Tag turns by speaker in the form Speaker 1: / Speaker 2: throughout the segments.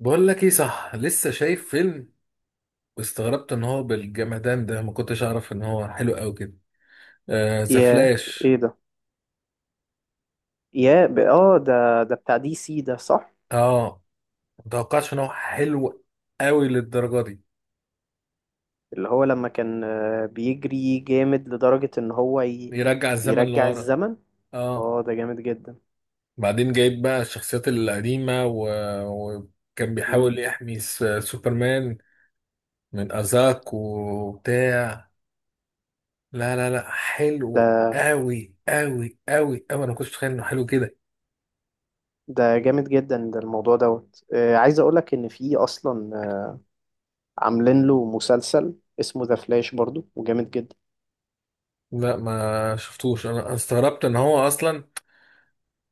Speaker 1: بقول لك ايه، صح لسه شايف فيلم واستغربت ان هو بالجمدان ده، ما كنتش اعرف ان هو حلو قوي كده. آه ذا
Speaker 2: ياه،
Speaker 1: فلاش.
Speaker 2: ايه ده؟ ياه، ب... اه ده بتاع دي سي ده، صح.
Speaker 1: اه، ما توقعتش ان هو حلو قوي للدرجه دي.
Speaker 2: اللي هو لما كان بيجري جامد لدرجة ان هو
Speaker 1: يرجع الزمن
Speaker 2: يرجع
Speaker 1: لورا.
Speaker 2: الزمن.
Speaker 1: اه
Speaker 2: اه ده جامد جدا.
Speaker 1: بعدين جايب بقى الشخصيات القديمه وكان
Speaker 2: مم.
Speaker 1: بيحاول يحمي سوبرمان من ازاك وبتاع. لا لا لا، حلو
Speaker 2: ده
Speaker 1: قوي قوي قوي قوي، انا ما كنتش متخيل انه حلو كده.
Speaker 2: ده جامد جدا، ده الموضوع دوت عايز اقولك ان في اصلا عاملين له مسلسل اسمه ذا فلاش برضو وجامد جدا.
Speaker 1: لا ما شفتوش، انا أنا استغربت ان هو اصلا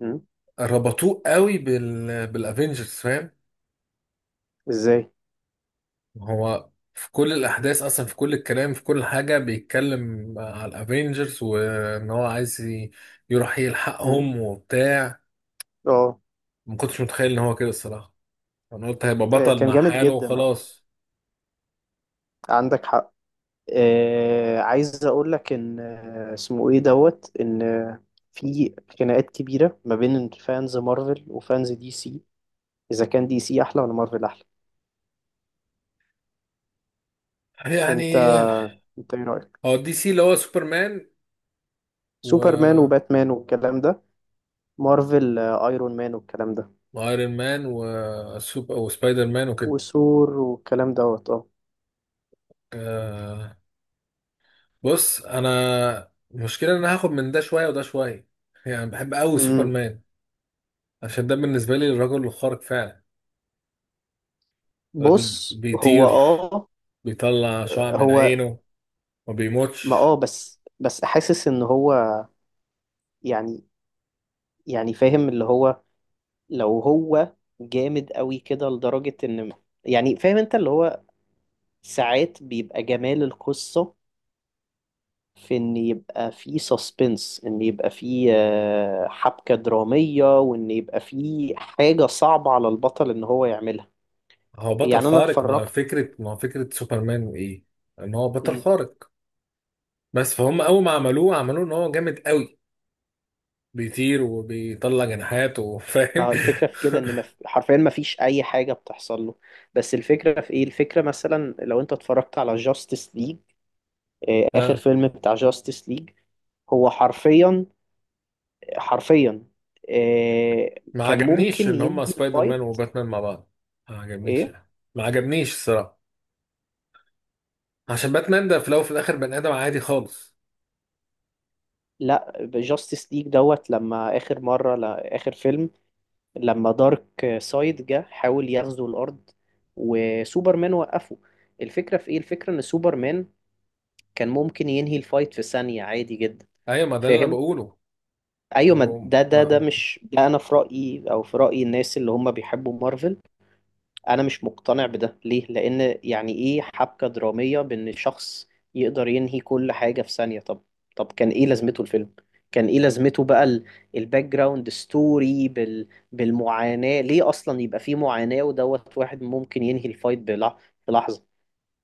Speaker 2: مم.
Speaker 1: ربطوه قوي بالافينجرز، فاهم؟
Speaker 2: ازاي؟
Speaker 1: هو في كل الاحداث اصلا، في كل الكلام، في كل حاجه بيتكلم على الافينجرز، وان هو عايز يروح
Speaker 2: مم.
Speaker 1: يلحقهم وبتاع.
Speaker 2: اه.
Speaker 1: ما كنتش متخيل ان هو كده الصراحه. انا قلت هيبقى بطل
Speaker 2: كان
Speaker 1: مع
Speaker 2: جامد
Speaker 1: حاله
Speaker 2: جدا، اه،
Speaker 1: وخلاص.
Speaker 2: عندك حق. عايز اقول لك ان اسمه ايه دوت ان آه، في خناقات كبيره ما بين فانز مارفل وفانز دي سي، اذا كان دي سي احلى ولا مارفل احلى. انت
Speaker 1: يعني
Speaker 2: انت ايه رايك؟
Speaker 1: هو دي سي اللي هو سوبرمان
Speaker 2: سوبرمان
Speaker 1: و
Speaker 2: وباتمان والكلام ده، مارفل ايرون مان والكلام ده،
Speaker 1: وايرون مان وسبايدر مان وكده.
Speaker 2: وثور والكلام دوت. اه.
Speaker 1: آه، بص انا المشكله ان انا هاخد من ده شويه وده شويه. يعني بحب قوي
Speaker 2: امم.
Speaker 1: سوبرمان عشان ده بالنسبة لي الرجل الخارق فعلا. الراجل
Speaker 2: بص هو
Speaker 1: بيطير،
Speaker 2: اه.
Speaker 1: بيطلع شعاع من
Speaker 2: هو
Speaker 1: عينه، ما
Speaker 2: ما
Speaker 1: بيموتش.
Speaker 2: اه بس حاسس ان هو، يعني، يعني فاهم اللي هو لو هو جامد قوي كده لدرجة ان، يعني فاهم انت، اللي هو ساعات بيبقى جمال القصة في ان يبقى في سسبنس، ان يبقى في حبكة درامية وان يبقى في حاجة صعبة على البطل ان هو يعملها.
Speaker 1: هو بطل
Speaker 2: يعني انا
Speaker 1: خارق، مع
Speaker 2: اتفرجت.
Speaker 1: فكرة مع فكرة سوبرمان ايه؟ ان هو بطل
Speaker 2: مم.
Speaker 1: خارق. بس فهم اول ما عملوه، عملوه ان هو جامد قوي، بيطير وبيطلع جناحات
Speaker 2: ما
Speaker 1: وفاهم.
Speaker 2: هو الفكرة في كده ان حرفيا ما فيش اي حاجة بتحصل له، بس الفكرة في ايه؟ الفكرة مثلا لو انت اتفرجت على جاستس ليج، اخر
Speaker 1: ها.
Speaker 2: فيلم بتاع جاستس ليج، هو حرفيا، حرفيا، آه،
Speaker 1: ما
Speaker 2: كان
Speaker 1: عجبنيش
Speaker 2: ممكن
Speaker 1: ان هم
Speaker 2: ينهي
Speaker 1: سبايدر مان
Speaker 2: الفايت.
Speaker 1: وباتمان مع بعض. ما عجبنيش
Speaker 2: ايه.
Speaker 1: يعني. ما عجبنيش الصراحة، عشان باتمان ده في الاول وفي الاخر بني ادم عادي خالص.
Speaker 2: لا جاستس ليج دوت لما اخر مره، لا اخر فيلم، لما دارك سايد جه حاول يغزو الارض وسوبرمان وقفه. الفكره في ايه؟ الفكره ان سوبرمان كان ممكن ينهي الفايت في ثانيه عادي جدا.
Speaker 1: ايوه ما ده اللي انا
Speaker 2: فاهم؟
Speaker 1: بقوله.
Speaker 2: ايوه،
Speaker 1: ما,
Speaker 2: ما
Speaker 1: بقوم.
Speaker 2: ده
Speaker 1: ما
Speaker 2: مش ده، انا في رايي او في راي الناس اللي هم بيحبوا مارفل، انا مش مقتنع بده. ليه؟ لان يعني ايه حبكة درامية بان شخص يقدر ينهي كل حاجة في ثانية؟ طب، طب كان ايه لازمته الفيلم؟ كان ايه لازمته بقى الباك جراوند ستوري بالمعاناة؟ ليه اصلا يبقى فيه معاناة ودوت واحد ممكن ينهي الفايت في لحظة؟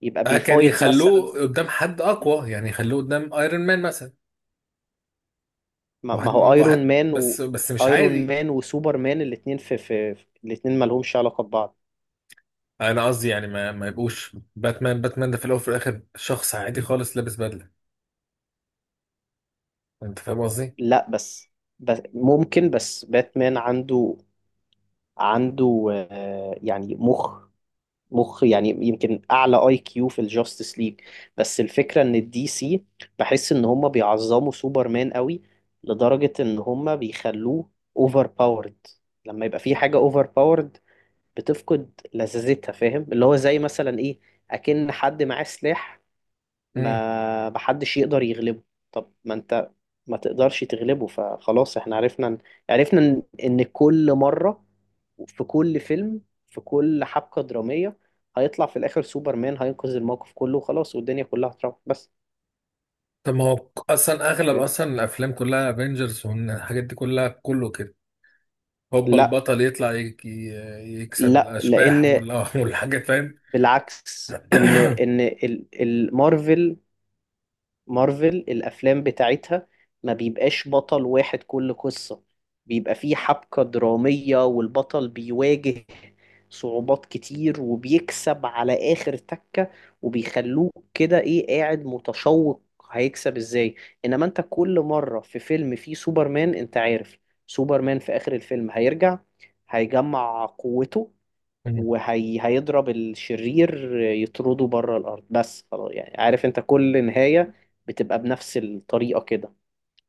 Speaker 2: يبقى
Speaker 1: آه، كان
Speaker 2: بيفايت مثلا.
Speaker 1: يخلوه قدام حد اقوى، يعني يخلوه قدام ايرون مان مثلا.
Speaker 2: ما هو
Speaker 1: واحد واحد
Speaker 2: ايرون مان
Speaker 1: بس
Speaker 2: و،
Speaker 1: بس مش
Speaker 2: ايرون
Speaker 1: عادي.
Speaker 2: مان وسوبر مان الاتنين في الاتنين ما لهمش علاقة ببعض.
Speaker 1: انا قصدي يعني ما يبقوش باتمان، باتمان ده في الاول وفي الاخر شخص عادي خالص لابس بدله، انت فاهم قصدي؟
Speaker 2: لا بس، بس ممكن باتمان عنده، عنده يعني مخ، مخ يعني يمكن اعلى اي كيو في الجاستس ليج. بس الفكره ان الدي سي، بحس ان هم بيعظموا سوبرمان قوي لدرجه ان هم بيخلوه اوفر باورد. لما يبقى في حاجه اوفر باورد بتفقد لذاذتها، فاهم؟ اللي هو زي مثلا ايه، اكن حد معاه سلاح
Speaker 1: امم،
Speaker 2: ما محدش يقدر يغلبه. طب ما انت ما تقدرش تغلبه، فخلاص احنا عرفنا، عرفنا ان إن كل مره، في كل فيلم، في كل حبكة درامية، هيطلع في الآخر سوبرمان هينقذ الموقف كله وخلاص والدنيا كلها هتروح. بس
Speaker 1: طب ما هو اصلا اغلب
Speaker 2: فاهم؟
Speaker 1: اصلا الافلام كلها افنجرز والحاجات دي كلها كله كده. هوبا
Speaker 2: لا،
Speaker 1: البطل يطلع يكسب
Speaker 2: لا
Speaker 1: الاشباح
Speaker 2: لأن
Speaker 1: والحاجات، فاهم.
Speaker 2: بالعكس إن المارفل، مارفل الافلام بتاعتها ما بيبقاش بطل واحد كل قصة، بيبقى فيه حبكة درامية والبطل بيواجه صعوبات كتير وبيكسب على آخر تكة، وبيخلوك كده ايه، قاعد متشوق هيكسب ازاي. انما انت كل مرة في فيلم فيه سوبرمان، انت عارف سوبرمان في آخر الفيلم هيرجع، هيجمع قوته
Speaker 1: مم.
Speaker 2: وهيضرب الشرير يطرده بره الارض، بس خلاص يعني عارف انت كل نهايه بتبقى بنفس الطريقه كده.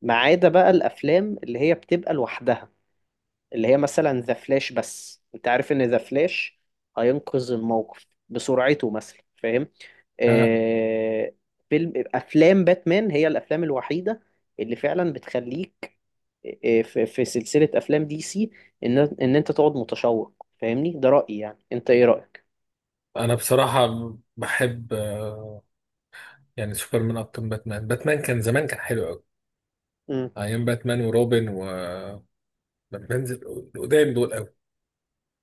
Speaker 2: ما عدا بقى الافلام اللي هي بتبقى لوحدها، اللي هي مثلا ذا فلاش. بس انت عارف ان ذا فلاش هينقذ الموقف بسرعته مثلا، فاهم؟
Speaker 1: آه.
Speaker 2: آه. فيلم، افلام باتمان هي الافلام الوحيده اللي فعلا بتخليك، في في سلسله افلام دي سي، ان انت تقعد متشوق. فاهمني؟ ده رايي يعني، انت ايه رايك؟
Speaker 1: انا بصراحه بحب يعني سوبرمان اكتر من باتمان. باتمان كان زمان كان حلو، ايام باتمان وروبن وبنزل القدام دول قوي.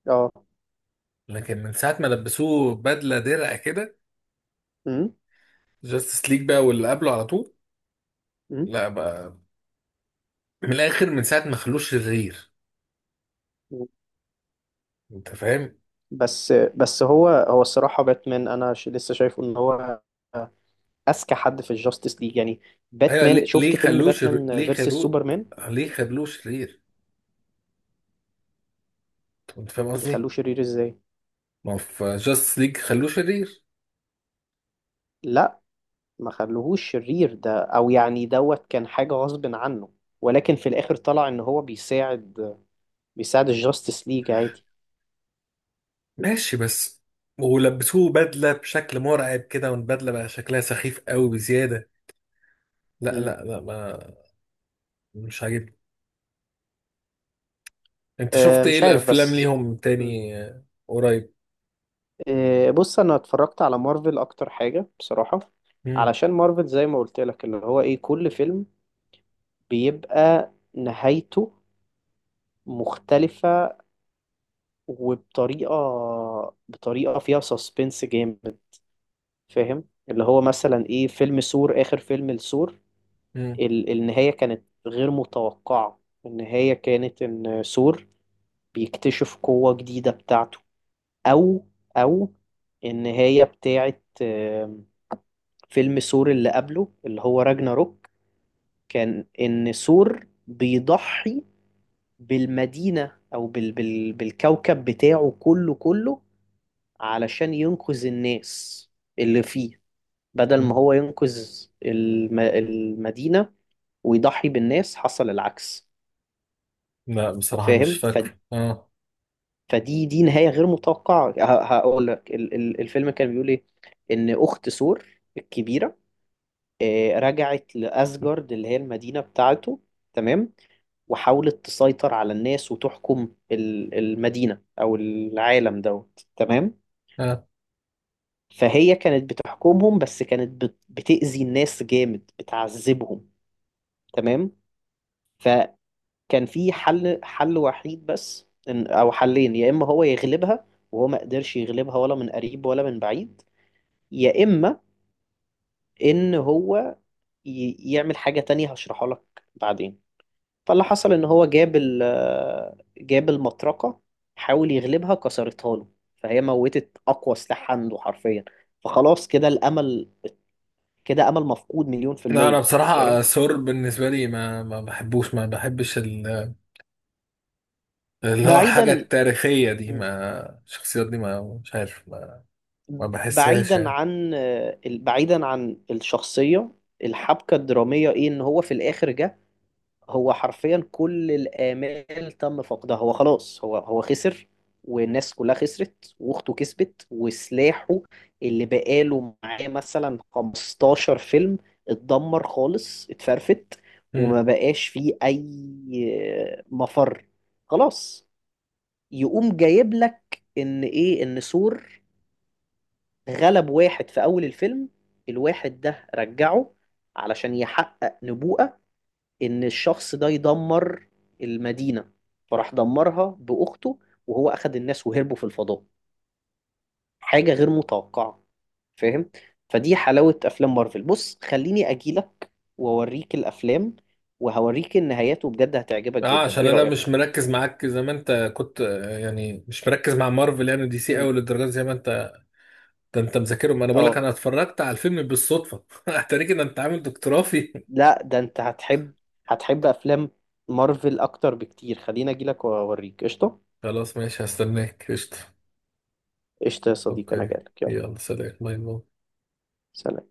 Speaker 2: اه.
Speaker 1: لكن من ساعه ما لبسوه بدله درع كده،
Speaker 2: امم.
Speaker 1: جاستس ليج بقى واللي قبله على طول،
Speaker 2: امم.
Speaker 1: لا بقى. من الاخر، من ساعه ما خلوه شرير، انت فاهم.
Speaker 2: بس هو الصراحة باتمان أنا لسه شايفه إن هو أذكى حد في الجاستس ليج يعني.
Speaker 1: ايوه
Speaker 2: باتمان،
Speaker 1: ليه ليه
Speaker 2: شفت فيلم باتمان
Speaker 1: ليه
Speaker 2: فيرسس
Speaker 1: خلوه
Speaker 2: سوبرمان؟
Speaker 1: ليه خلوه شرير، انت فاهم
Speaker 2: يخلوه
Speaker 1: قصدي؟
Speaker 2: شرير إزاي؟
Speaker 1: ما هو في جاستس ليج خلوه شرير.
Speaker 2: لا ما خلوهوش شرير، ده أو يعني دوت كان حاجة غصب عنه، ولكن في الآخر طلع إن هو بيساعد، بيساعد الجاستس ليج عادي.
Speaker 1: ماشي بس ولبسوه بدله بشكل مرعب كده، والبدله بقى شكلها سخيف قوي بزياده. لا
Speaker 2: مم.
Speaker 1: لا لا ما مش عاجبني. انت
Speaker 2: أه
Speaker 1: شفت ايه
Speaker 2: مش عارف
Speaker 1: الافلام
Speaker 2: بس،
Speaker 1: ليهم
Speaker 2: إمم،
Speaker 1: تاني آه، قريب؟
Speaker 2: إيه، بص انا اتفرجت على مارفل اكتر حاجة بصراحة،
Speaker 1: مم.
Speaker 2: علشان مارفل زي ما قلت لك اللي هو ايه، كل فيلم بيبقى نهايته مختلفة، وبطريقة، بطريقة فيها سسبنس جامد، فاهم؟ اللي هو مثلا ايه، فيلم ثور، اخر فيلم لثور،
Speaker 1: مم.
Speaker 2: النهاية كانت غير متوقعة. النهاية كانت ان ثور بيكتشف قوة جديدة بتاعته. او، او النهاية بتاعت فيلم ثور اللي قبله اللي هو راجناروك، كان إن ثور بيضحي بالمدينة أو بالكوكب بتاعه كله، كله علشان ينقذ الناس اللي فيه، بدل ما
Speaker 1: مم.
Speaker 2: هو ينقذ المدينة ويضحي بالناس، حصل العكس.
Speaker 1: لا بصراحة مش
Speaker 2: فاهم؟ ف،
Speaker 1: فاكره. اه
Speaker 2: فدي، دي نهاية غير متوقعة. هقول لك الفيلم كان بيقول إيه. إن أخت ثور الكبيرة، رجعت لأسجارد اللي هي المدينة بتاعته، تمام، وحاولت تسيطر على الناس وتحكم المدينة أو العالم دوت، تمام.
Speaker 1: اه،
Speaker 2: فهي كانت بتحكمهم، بس كانت بتأذي الناس جامد، بتعذبهم، تمام. فكان في حل وحيد بس، أو حلين، يا إما هو يغلبها، وهو ما قدرش يغلبها ولا من قريب ولا من بعيد، يا إما إن هو يعمل حاجة تانية هشرحها لك بعدين. فاللي حصل ان هو جاب جاب المطرقه، حاول يغلبها كسرتها له. فهي موتت اقوى سلاح عنده حرفيا، فخلاص كده الامل، كده امل مفقود مليون في
Speaker 1: لا انا
Speaker 2: الميه فاهم؟
Speaker 1: بصراحة سور بالنسبة لي ما بحبوش، ما بحبش اللي هو الحاجة
Speaker 2: بعيدا،
Speaker 1: التاريخية دي، ما الشخصيات دي ما مش عارف ما بحسهاش
Speaker 2: بعيدا
Speaker 1: يعني.
Speaker 2: عن، بعيدا عن الشخصيه، الحبكه الدراميه ايه؟ ان هو في الاخر جه، هو حرفيا كل الآمال تم فقدها، هو خلاص هو، هو خسر والناس كلها خسرت، واخته كسبت، وسلاحه اللي بقاله معاه مثلا 15 فيلم اتدمر خالص، اتفرفت.
Speaker 1: مم.
Speaker 2: وما بقاش فيه اي مفر، خلاص. يقوم جايب لك ان ايه، ان ثور غلب واحد في اول الفيلم، الواحد ده رجعه علشان يحقق نبوءة ان الشخص ده يدمر المدينة، فراح دمرها باخته، وهو اخد الناس وهربوا في الفضاء. حاجة غير متوقعة، فاهم؟ فدي حلاوة افلام مارفل. بص خليني اجيلك واوريك الافلام وهوريك النهايات، وبجد هتعجبك
Speaker 1: اه
Speaker 2: جدا.
Speaker 1: عشان
Speaker 2: ايه
Speaker 1: انا مش
Speaker 2: رأيك؟
Speaker 1: مركز معاك زي ما انت كنت يعني مش مركز مع مارفل يعني دي سي قوي
Speaker 2: امم.
Speaker 1: للدرجة دي زي ما انت. ده انت مذاكرهم، انا بقول لك
Speaker 2: اه.
Speaker 1: انا اتفرجت على الفيلم بالصدفة اتاريك ان انت عامل دكتوراه فيه.
Speaker 2: لا، ده انت هتحب، هتحب افلام مارفل اكتر بكتير. خليني اجيلك واوريك. قشطة؟
Speaker 1: خلاص ماشي، هستناك قشطة.
Speaker 2: قشطة يا صديقي، انا
Speaker 1: اوكي،
Speaker 2: جايلك. يلا،
Speaker 1: يلا سلام باي باي.
Speaker 2: سلام.